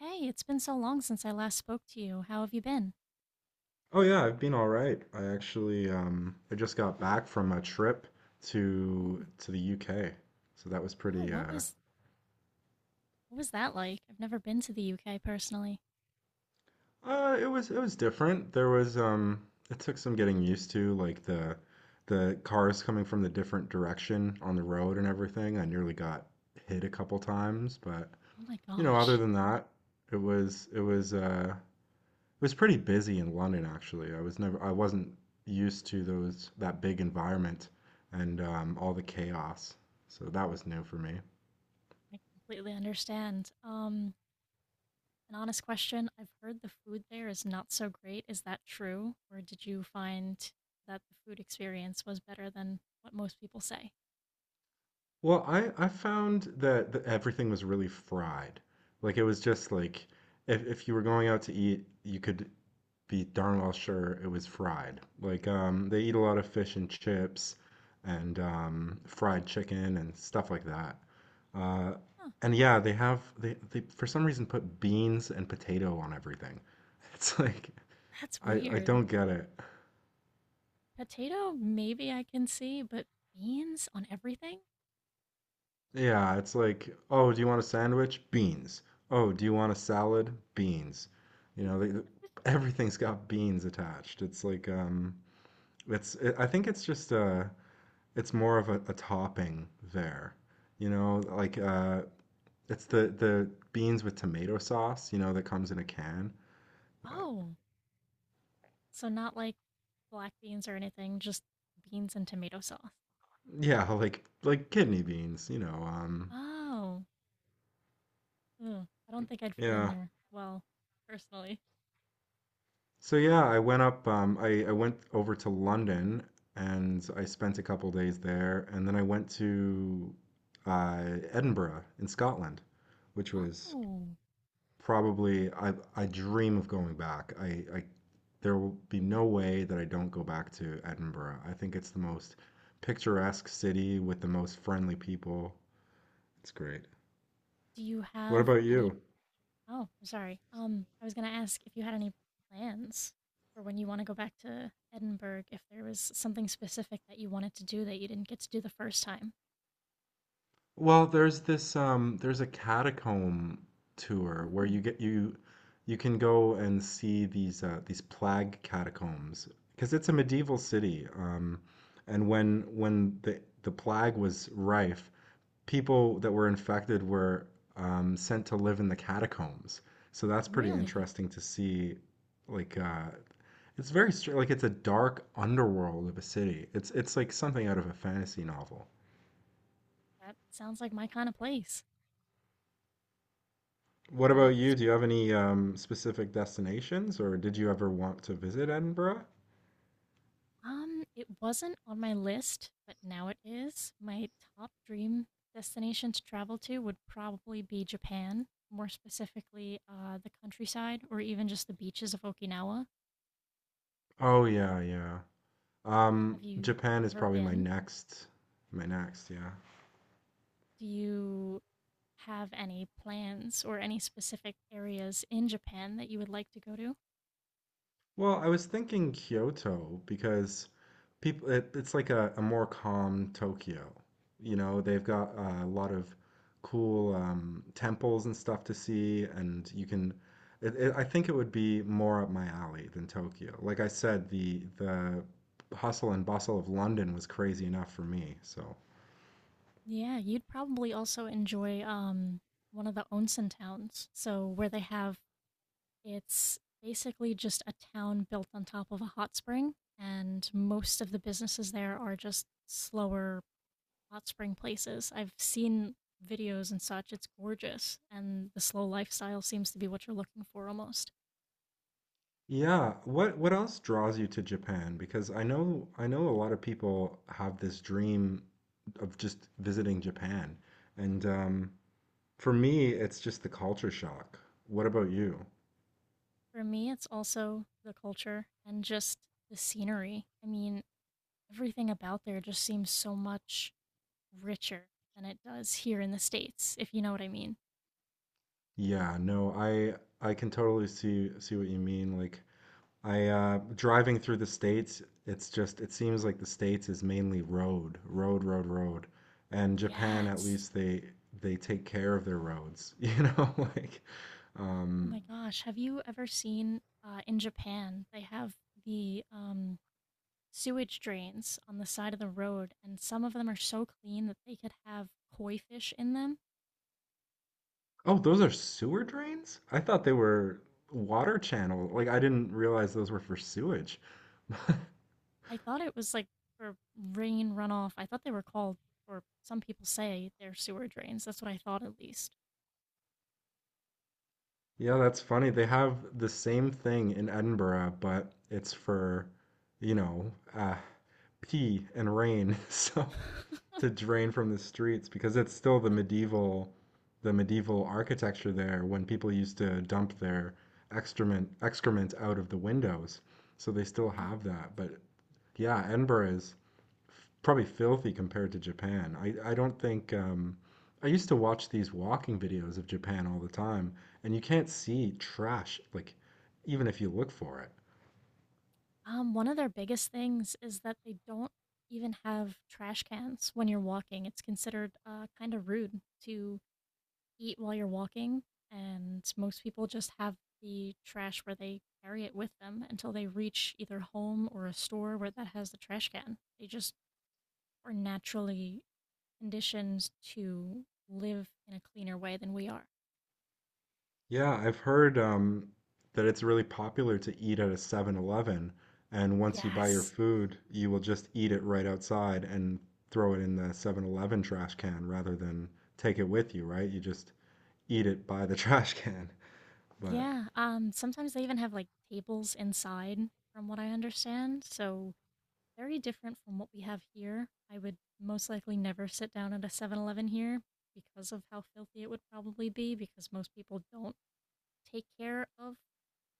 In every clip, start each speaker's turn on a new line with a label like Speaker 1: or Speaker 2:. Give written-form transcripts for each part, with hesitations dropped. Speaker 1: Hey, it's been so long since I last spoke to you. How have you been?
Speaker 2: Oh yeah, I've been all right. I actually I just got back from a trip
Speaker 1: Oh,
Speaker 2: to the UK. So that was
Speaker 1: oh,
Speaker 2: pretty.
Speaker 1: what was that like? I've never been to the UK personally.
Speaker 2: It was different. There was. It took some getting used to, like the cars coming from the different direction on the road and everything. I nearly got hit a couple times, but
Speaker 1: Oh my
Speaker 2: other
Speaker 1: gosh.
Speaker 2: than that, it was pretty busy in London, actually. I wasn't used to those that big environment and all the chaos, so that was new for me.
Speaker 1: I completely understand. An honest question. I've heard the food there is not so great. Is that true? Or did you find that the food experience was better than what most people say?
Speaker 2: Well, I found that everything was really fried. Like it was just like, if you were going out to eat, you could be darn well sure it was fried. Like, they eat a lot of fish and chips and, fried chicken and stuff like that. Uh,
Speaker 1: Huh,
Speaker 2: and yeah, they for some reason put beans and potato on everything. It's like
Speaker 1: that's
Speaker 2: I
Speaker 1: weird.
Speaker 2: don't get it.
Speaker 1: Potato, maybe I can see, but beans on everything?
Speaker 2: Yeah, it's like, oh, do you want a sandwich? Beans. Oh, do you want a salad? Beans. You know, everything's got beans attached. It's like, it's I think it's just. It's more of a topping there. You know, like, it's the beans with tomato sauce, that comes in a can. But
Speaker 1: Oh, so not like black beans or anything, just beans and tomato sauce.
Speaker 2: yeah, like like kidney beans.
Speaker 1: Oh, ugh, I don't think I'd fit in
Speaker 2: Yeah.
Speaker 1: there well, personally.
Speaker 2: So yeah, I went over to London, and I spent a couple days there, and then I went to, uh Edinburgh in Scotland, which was
Speaker 1: Oh,
Speaker 2: probably. I dream of going back. I there will be no way that I don't go back to Edinburgh. I think it's the most picturesque city with the most friendly people. It's great.
Speaker 1: do you
Speaker 2: What
Speaker 1: have
Speaker 2: about
Speaker 1: any?
Speaker 2: you?
Speaker 1: Oh, I'm sorry. I was gonna ask if you had any plans for when you want to go back to Edinburgh, if there was something specific that you wanted to do that you didn't get to do the first time.
Speaker 2: Well, there's this. There's a catacomb tour where
Speaker 1: Ooh.
Speaker 2: you get you you can go and see these plague catacombs because it's a medieval city. And when the plague was rife, people that were infected were, sent to live in the catacombs. So that's pretty
Speaker 1: Really?
Speaker 2: interesting to see. Like, it's very like it's a dark underworld of a city. It's like something out of a fantasy novel.
Speaker 1: That sounds like my kind of place.
Speaker 2: What
Speaker 1: But
Speaker 2: about you? Do you have any, specific destinations, or did you ever want to visit Edinburgh?
Speaker 1: it wasn't on my list, but now it is. My top dream destination to travel to would probably be Japan, more specifically the countryside or even just the beaches of Okinawa.
Speaker 2: Oh yeah, yeah.
Speaker 1: Have you
Speaker 2: Japan is
Speaker 1: ever
Speaker 2: probably my
Speaker 1: been?
Speaker 2: next, my next, yeah.
Speaker 1: Do you have any plans or any specific areas in Japan that you would like to go to?
Speaker 2: Well, I was thinking Kyoto because it's like a more calm Tokyo. You know, they've got a lot of cool, temples and stuff to see, and you can it, it, I think it would be more up my alley than Tokyo. Like I said, the hustle and bustle of London was crazy enough for me, so.
Speaker 1: Yeah, you'd probably also enjoy one of the onsen towns. So where they have it's basically just a town built on top of a hot spring, and most of the businesses there are just slower hot spring places. I've seen videos and such. It's gorgeous, and the slow lifestyle seems to be what you're looking for almost.
Speaker 2: Yeah, what else draws you to Japan? Because I know a lot of people have this dream of just visiting Japan. And, for me, it's just the culture shock. What about you?
Speaker 1: For me, it's also the culture and just the scenery. I mean, everything about there just seems so much richer than it does here in the States, if you know what I mean.
Speaker 2: Yeah, no, I can totally see what you mean. Like I, driving through the States, it's just it seems like the States is mainly road, road, road, road. And Japan, at
Speaker 1: Yes.
Speaker 2: least they take care of their roads.
Speaker 1: Oh
Speaker 2: Um
Speaker 1: my gosh, have you ever seen in Japan they have the sewage drains on the side of the road, and some of them are so clean that they could have koi fish in them?
Speaker 2: Oh, those are sewer drains? I thought they were water channel. Like, I didn't realize those were for sewage.
Speaker 1: I thought it was like for rain runoff. I thought they were called, or some people say they're sewer drains. That's what I thought at least.
Speaker 2: Yeah, that's funny. They have the same thing in Edinburgh, but it's for, you know, uh, pee and rain. So,
Speaker 1: Wh-
Speaker 2: to drain from the streets, because it's still the medieval, architecture there, when people used to dump their excrement out of the windows. So they still have that. But yeah, Edinburgh is probably filthy compared to Japan. I don't think. I used to watch these walking videos of Japan all the time, and you can't see trash, like, even if you look for it.
Speaker 1: One of their biggest things is that they don't even have trash cans when you're walking. It's considered kind of rude to eat while you're walking, and most people just have the trash where they carry it with them until they reach either home or a store where that has the trash can. They just are naturally conditioned to live in a cleaner way than we are.
Speaker 2: Yeah, I've heard, that it's really popular to eat at a 7-Eleven, and once you buy your
Speaker 1: Yes.
Speaker 2: food, you will just eat it right outside and throw it in the 7-Eleven trash can rather than take it with you, right? You just eat it by the trash can. But.
Speaker 1: Yeah. Sometimes they even have like tables inside from what I understand. So very different from what we have here. I would most likely never sit down at a 7-Eleven here because of how filthy it would probably be because most people don't take care of,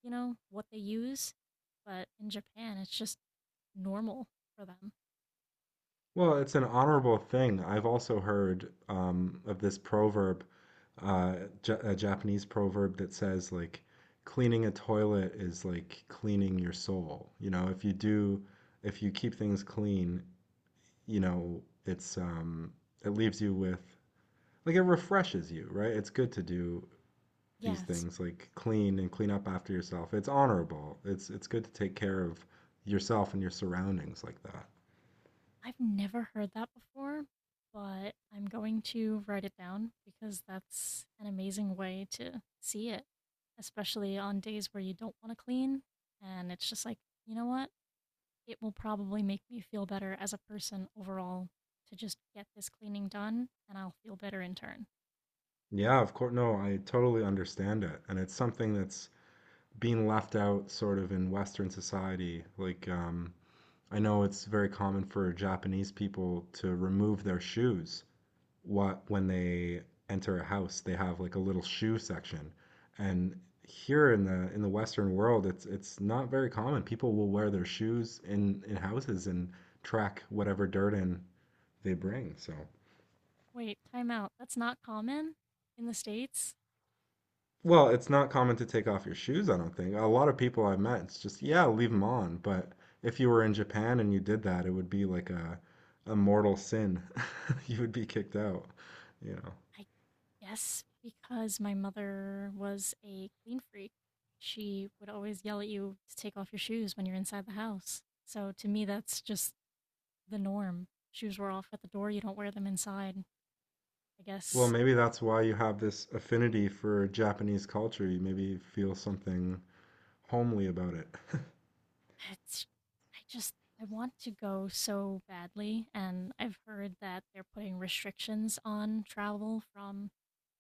Speaker 1: you know, what they use. But in Japan, it's just normal for them.
Speaker 2: Well, it's an honorable thing. I've also heard, of this proverb, uh, Ja a Japanese proverb that says, like, cleaning a toilet is like cleaning your soul. You know, if you keep things clean, it's. It leaves you with, like, it refreshes you, right? It's good to do these
Speaker 1: Yes,
Speaker 2: things, like clean and clean up after yourself. It's honorable. It's good to take care of yourself and your surroundings like that.
Speaker 1: I've never heard that before, but I'm going to write it down because that's an amazing way to see it, especially on days where you don't want to clean. And it's just like, you know what? It will probably make me feel better as a person overall to just get this cleaning done, and I'll feel better in turn.
Speaker 2: Yeah, of course. No, I totally understand it. And it's something that's being left out, sort of, in Western society. Like, I know it's very common for Japanese people to remove their shoes what when they enter a house. They have like a little shoe section. And here in the Western world, it's not very common. People will wear their shoes in houses and track whatever dirt in they bring. So,
Speaker 1: Wait, time out. That's not common in the States?
Speaker 2: well, it's not common to take off your shoes, I don't think. A lot of people I've met, it's just, yeah, leave them on. But if you were in Japan and you did that, it would be like a mortal sin. You would be kicked out, you know.
Speaker 1: I guess because my mother was a clean freak, she would always yell at you to take off your shoes when you're inside the house. So to me, that's just the norm. Shoes were off at the door, you don't wear them inside. I
Speaker 2: Well,
Speaker 1: guess
Speaker 2: maybe that's why you have this affinity for Japanese culture. You maybe feel something homely about it.
Speaker 1: it's, I just, I want to go so badly. And I've heard that they're putting restrictions on travel from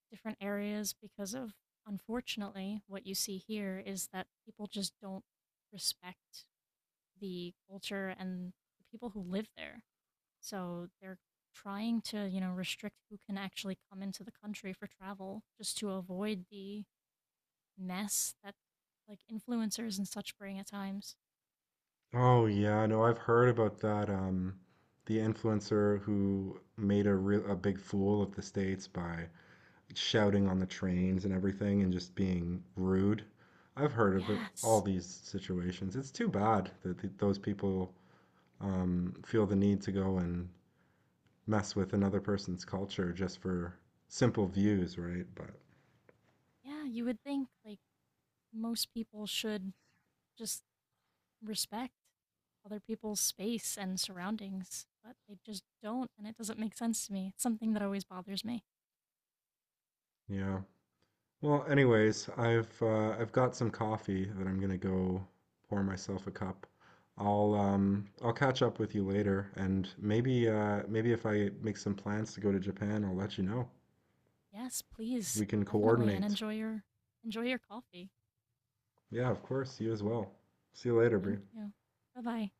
Speaker 1: different areas because of, unfortunately, what you see here is that people just don't respect the culture and the people who live there. So they're trying to, you know, restrict who can actually come into the country for travel just to avoid the mess that like influencers and such bring at times.
Speaker 2: Oh yeah, no, I've heard about that. The influencer who made a big fool of the States by shouting on the trains and everything, and just being rude. I've heard of it, all
Speaker 1: Yes.
Speaker 2: these situations. It's too bad that those people, feel the need to go and mess with another person's culture just for simple views, right? But
Speaker 1: Yeah, you would think like most people should just respect other people's space and surroundings, but they just don't and it doesn't make sense to me. It's something that always bothers me.
Speaker 2: yeah. Well, anyways, I've got some coffee that I'm gonna go pour myself a cup. I'll catch up with you later, and maybe if I make some plans to go to Japan, I'll let you know.
Speaker 1: Yes, please.
Speaker 2: We can
Speaker 1: Definitely and
Speaker 2: coordinate.
Speaker 1: enjoy your coffee.
Speaker 2: Yeah, of course. You as well. See you later,
Speaker 1: Thank
Speaker 2: Bree.
Speaker 1: you. Bye bye.